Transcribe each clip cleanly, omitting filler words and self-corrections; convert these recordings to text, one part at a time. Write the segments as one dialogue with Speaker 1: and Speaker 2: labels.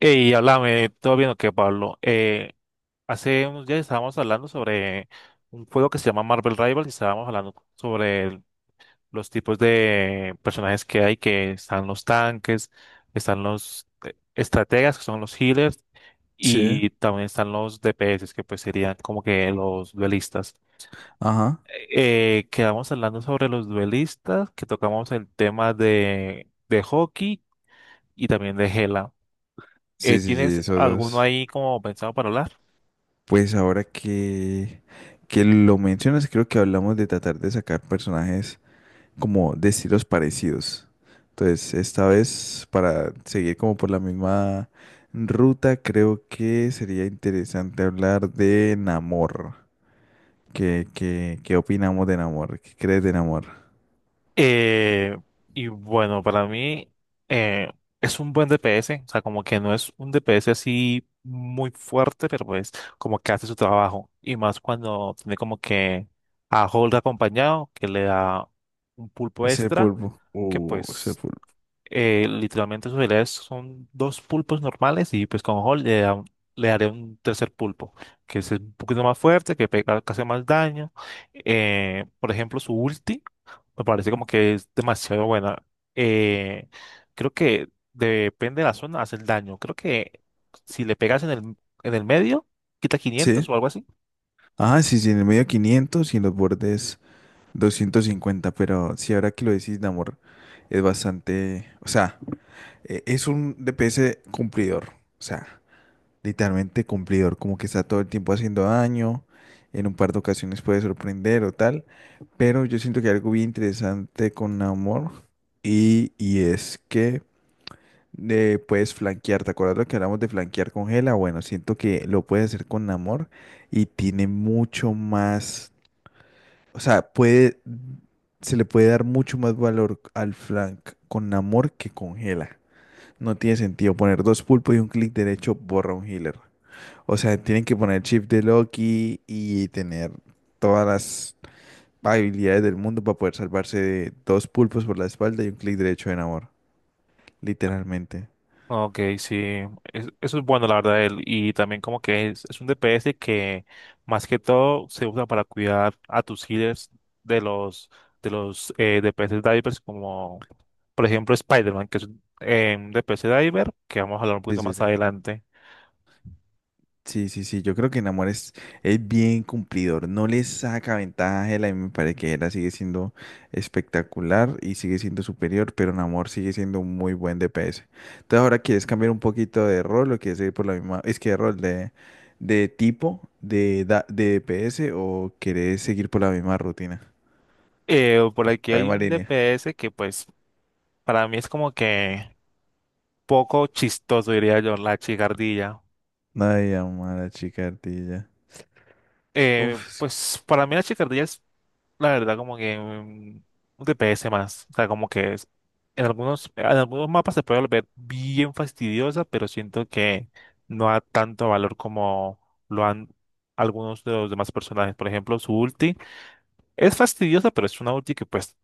Speaker 1: Y háblame, todo bien o qué, Pablo. Hace unos días estábamos hablando sobre un juego que se llama Marvel Rivals y estábamos hablando sobre los tipos de personajes que hay, que están los tanques, están los estrategas, que son los healers,
Speaker 2: Sí,
Speaker 1: y también están los DPS, que pues serían como que los duelistas.
Speaker 2: ajá.
Speaker 1: Quedamos hablando sobre los duelistas, que tocamos el tema de hockey y también de Hela.
Speaker 2: Sí, sí, sí,
Speaker 1: ¿Tienes
Speaker 2: esos
Speaker 1: alguno
Speaker 2: dos.
Speaker 1: ahí como pensado para hablar?
Speaker 2: Pues ahora que lo mencionas, creo que hablamos de tratar de sacar personajes como de estilos parecidos. Entonces, esta vez, para seguir como por la misma ruta, creo que sería interesante hablar de Namor. ¿Qué opinamos de Namor? ¿Qué crees de Namor?
Speaker 1: Eh, y bueno, para mí eh, es un buen DPS, o sea, como que no es un DPS así muy fuerte, pero pues como que hace su trabajo. Y más cuando tiene como que a Hold acompañado, que le da un pulpo
Speaker 2: Ese
Speaker 1: extra,
Speaker 2: pulpo.
Speaker 1: que
Speaker 2: Ese
Speaker 1: pues
Speaker 2: pulpo.
Speaker 1: literalmente sus habilidades son dos pulpos normales y pues con Hold le daré un tercer pulpo, que es un poquito más fuerte, que pega, que hace más daño. Por ejemplo, su ulti. Me parece como que es demasiado buena. Eh, Creo que depende de la zona, hace el daño. Creo que si le pegas en el medio, quita
Speaker 2: Sí.
Speaker 1: 500 o algo así.
Speaker 2: Ajá, sí, sí, en el medio 500 y en los bordes 250, pero si ahora que lo decís, Namor, es bastante, o sea, es un DPS cumplidor, o sea, literalmente cumplidor, como que está todo el tiempo haciendo daño. En un par de ocasiones puede sorprender o tal, pero yo siento que hay algo bien interesante con Namor, y es que puedes flanquear. ¿Te acuerdas lo que hablamos de flanquear con Gela? Bueno, siento que lo puedes hacer con Namor y tiene mucho más, o sea, puede, se le puede dar mucho más valor al flank con amor que con Gela. No tiene sentido poner dos pulpos y un clic derecho borra un healer. O sea, tienen que poner chip de Loki y tener todas las habilidades del mundo para poder salvarse de dos pulpos por la espalda y un clic derecho de amor. Literalmente.
Speaker 1: Ok, sí. Eso es bueno, la verdad, de él. Y también como que es un DPS que más que todo se usa para cuidar a tus healers de los, de los DPS divers como, por ejemplo, Spider-Man, que es un DPS diver, que vamos a hablar un
Speaker 2: Sí,
Speaker 1: poquito
Speaker 2: sí,
Speaker 1: más
Speaker 2: sí.
Speaker 1: adelante.
Speaker 2: Sí, sí, sí, yo creo que Namor es bien cumplidor, no le saca ventaja a Hela y me parece que Hela sigue siendo espectacular y sigue siendo superior, pero Namor sigue siendo un muy buen DPS. Entonces ahora quieres cambiar un poquito de rol o quieres seguir por la misma, es que de rol de tipo de, de DPS, o querés seguir por la misma rutina,
Speaker 1: Por aquí
Speaker 2: por la
Speaker 1: hay
Speaker 2: misma
Speaker 1: un
Speaker 2: línea.
Speaker 1: DPS que pues para mí es como que poco chistoso, diría yo, la chicardilla.
Speaker 2: Ay, amada chica ardilla. Uf,
Speaker 1: Pues para mí la chicardilla la verdad, como que mm, un DPS más. O sea, como que en algunos mapas se puede volver bien fastidiosa, pero siento que no da tanto valor como lo han algunos de los demás personajes. Por ejemplo, su ulti es fastidiosa, pero es una ulti que pues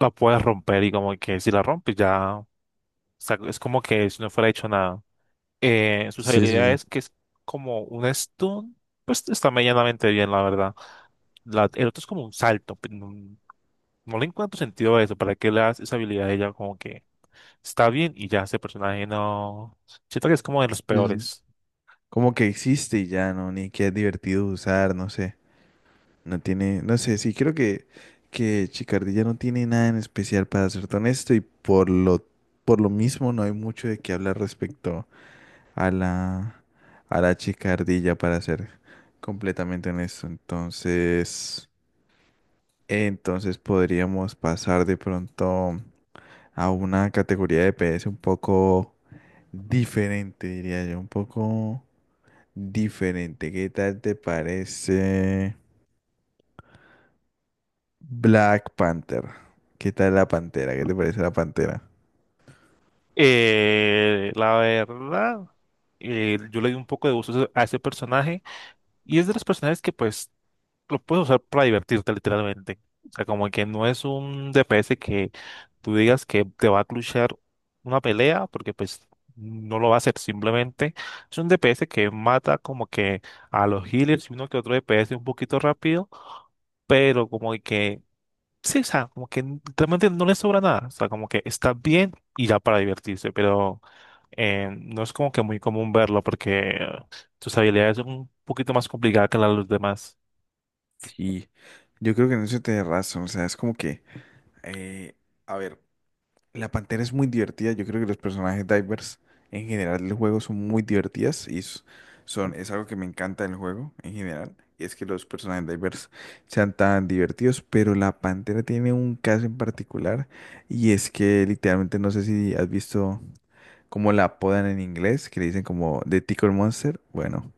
Speaker 1: la puedes romper y como que si la rompes ya, o sea, es como que si no fuera hecho nada. Sus
Speaker 2: sí, sí, sí.
Speaker 1: habilidades, que es como un stun, pues está medianamente bien, la verdad. El otro es como un salto. No le encuentro sentido a eso, ¿para qué le das esa habilidad a ella? Como que está bien y ya ese personaje no... Siento que es como de los
Speaker 2: Sí, sí.
Speaker 1: peores.
Speaker 2: Como que existe y ya, ¿no? Ni que es divertido usar, no sé. No tiene, no sé, sí, creo que Chicardilla no tiene nada en especial para serte honesto y por lo mismo no hay mucho de qué hablar respecto a la, a la Chicardilla para ser completamente honesto. Entonces, podríamos pasar de pronto a una categoría de PS un poco diferente, diría yo, un poco diferente. ¿Qué tal te parece? Black Panther. ¿Qué tal la pantera? ¿Qué te parece la pantera?
Speaker 1: La verdad, yo le di un poco de uso a ese personaje y es de los personajes que pues lo puedes usar para divertirte literalmente. O sea, como que no es un DPS que tú digas que te va a clutchear una pelea porque pues no lo va a hacer simplemente. Es un DPS que mata como que a los healers y uno que otro DPS un poquito rápido, pero como de que, sí, o sea, como que realmente no le sobra nada, o sea, como que está bien y ya para divertirse, pero no es como que muy común verlo porque sus habilidades son un poquito más complicadas que las de los demás.
Speaker 2: Sí, yo creo que en eso te razón. O sea, es como que, eh, a ver, la pantera es muy divertida. Yo creo que los personajes divers en general del juego son muy divertidas y son, es algo que me encanta del juego en general. Y es que los personajes divers sean tan divertidos, pero la pantera tiene un caso en particular y es que literalmente no sé si has visto como la apodan en inglés, que le dicen como The Tickle Monster. Bueno,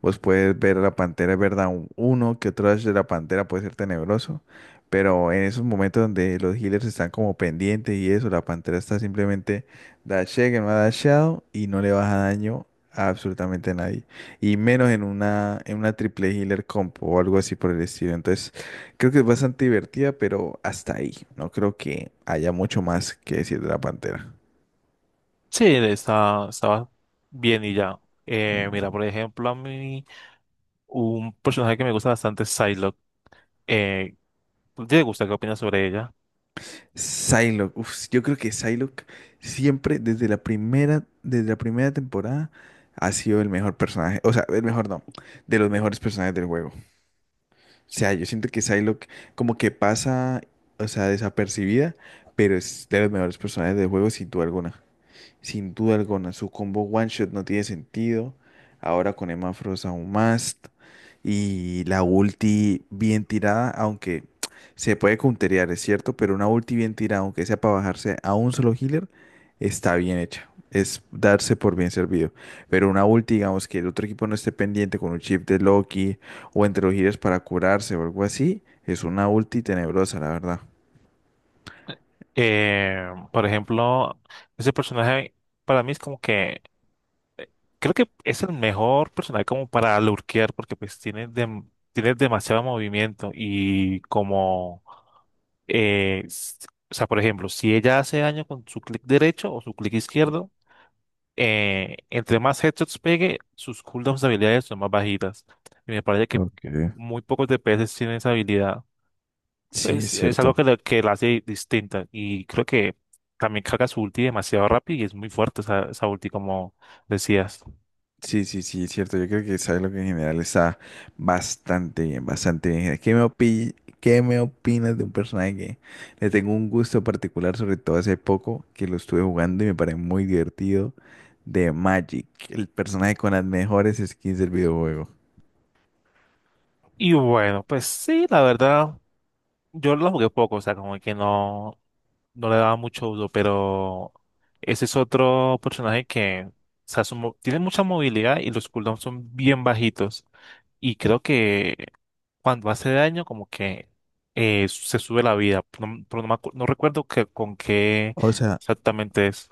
Speaker 2: vos puedes ver a la pantera, es verdad, uno que otro dash de la pantera puede ser tenebroso, pero en esos momentos donde los healers están como pendientes y eso, la pantera está simplemente dashé que no ha dashado y no le baja daño a absolutamente nadie. Y menos en una triple healer comp o algo así por el estilo. Entonces, creo que es bastante divertida, pero hasta ahí. No creo que haya mucho más que decir de la pantera.
Speaker 1: Sí, estaba bien y ya. Mira, por ejemplo, a mí un personaje que me gusta bastante es Psylocke. Eh, ¿Te gusta? ¿Qué opinas sobre ella?
Speaker 2: Psylocke, uf, yo creo que Psylocke siempre desde la primera temporada ha sido el mejor personaje, o sea, el mejor no, de los mejores personajes del juego. O sea, yo siento que Psylocke como que pasa, o sea, desapercibida, pero es de los mejores personajes del juego sin duda alguna. Sin duda alguna, su combo One Shot no tiene sentido. Ahora con Emma Frost aún más. Y la ulti bien tirada, aunque se puede counterear, es cierto, pero una ulti bien tirada, aunque sea para bajarse a un solo healer, está bien hecha. Es darse por bien servido. Pero una ulti, digamos, que el otro equipo no esté pendiente con un chip de Loki o entre los healers para curarse o algo así, es una ulti tenebrosa, la verdad.
Speaker 1: Eh, por ejemplo, ese personaje para mí es como que creo que es el mejor personaje como para lurkear porque pues tiene, tiene demasiado movimiento y como, eh, s- o sea, por ejemplo, si ella hace daño con su clic derecho o su clic izquierdo, entre más headshots pegue, sus cooldowns de habilidades son más bajitas. Y me parece que
Speaker 2: Ok.
Speaker 1: muy pocos DPS tienen esa habilidad.
Speaker 2: Sí, es
Speaker 1: Pues es algo que,
Speaker 2: cierto.
Speaker 1: que la hace distinta y creo que también carga su ulti demasiado rápido y es muy fuerte esa ulti como decías.
Speaker 2: Sí, sí, sí, es cierto. Yo creo que sabes lo que en general está bastante bien, bastante bien. Qué me opinas de un personaje que le tengo un gusto particular, sobre todo hace poco, que lo estuve jugando y me parece muy divertido, de Magic, el personaje con las mejores skins del videojuego?
Speaker 1: Y bueno, pues sí, la verdad, yo lo jugué poco, o sea, como que no, no le daba mucho uso, pero ese es otro personaje que, o sea, tiene mucha movilidad y los cooldowns son bien bajitos. Y creo que cuando hace daño, como que se sube la vida, no, pero no, no recuerdo que, con qué
Speaker 2: O sea.
Speaker 1: exactamente es,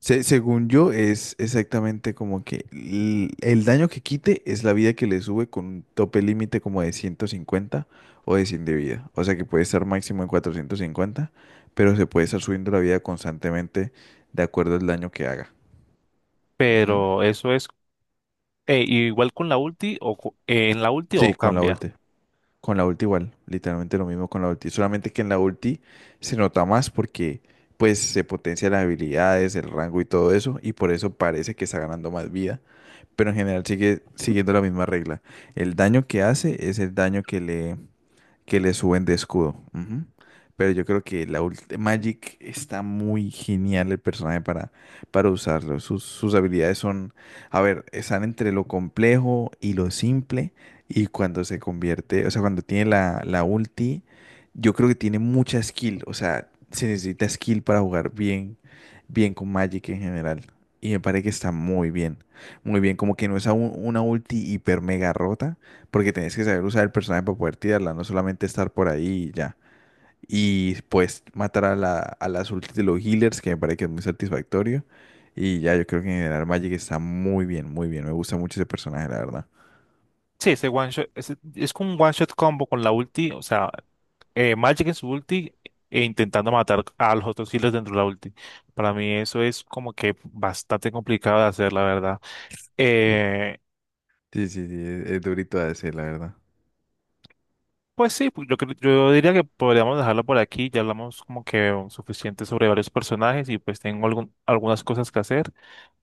Speaker 2: Se- según yo, es exactamente como que el, daño que quite es la vida que le sube con un tope límite como de 150 o de 100 de vida. O sea que puede estar máximo en 450, pero se puede estar subiendo la vida constantemente de acuerdo al daño que haga. Ujú.
Speaker 1: pero eso es igual con la ulti, en la ulti o
Speaker 2: Sí, con la
Speaker 1: cambia.
Speaker 2: ulti. Con la ulti igual, literalmente lo mismo con la ulti. Solamente que en la ulti se nota más porque pues se potencian las habilidades, el rango y todo eso, y por eso parece que está ganando más vida, pero en general sigue siguiendo la misma regla. El daño que hace es el daño que le suben de escudo. Ujú. Pero yo creo que Magic está muy genial el personaje para usarlo. Sus habilidades son, a ver, están entre lo complejo y lo simple. Y cuando se convierte, o sea, cuando tiene la ulti, yo creo que tiene mucha skill. O sea, se necesita skill para jugar bien, bien con Magic en general. Y me parece que está muy bien. Muy bien, como que no es a una ulti hiper mega rota porque tenés que saber usar el personaje para poder tirarla, no solamente estar por ahí y ya. Y pues matar a a las ultis de los healers, que me parece que es muy satisfactorio. Y ya, yo creo que en general Magic está muy bien, muy bien. Me gusta mucho ese personaje, la verdad.
Speaker 1: Sí, ese one shot, es como un one shot combo con la ulti, o sea, Magic en su ulti e intentando matar a los otros healers dentro de la ulti. Para mí eso es como que bastante complicado de hacer, la verdad. Eh,
Speaker 2: Sí, sí, sí, es durito de hacer, la verdad.
Speaker 1: pues sí, pues yo, yo diría que podríamos dejarlo por aquí, ya hablamos como que suficiente sobre varios personajes y pues tengo algunas cosas que hacer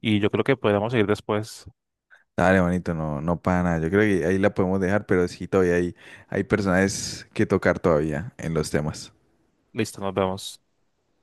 Speaker 1: y yo creo que podríamos seguir después.
Speaker 2: Dale, bonito, no, no para nada. Yo creo que ahí la podemos dejar, pero sí, todavía hay personajes que tocar todavía en los temas.
Speaker 1: Listo, nos vemos.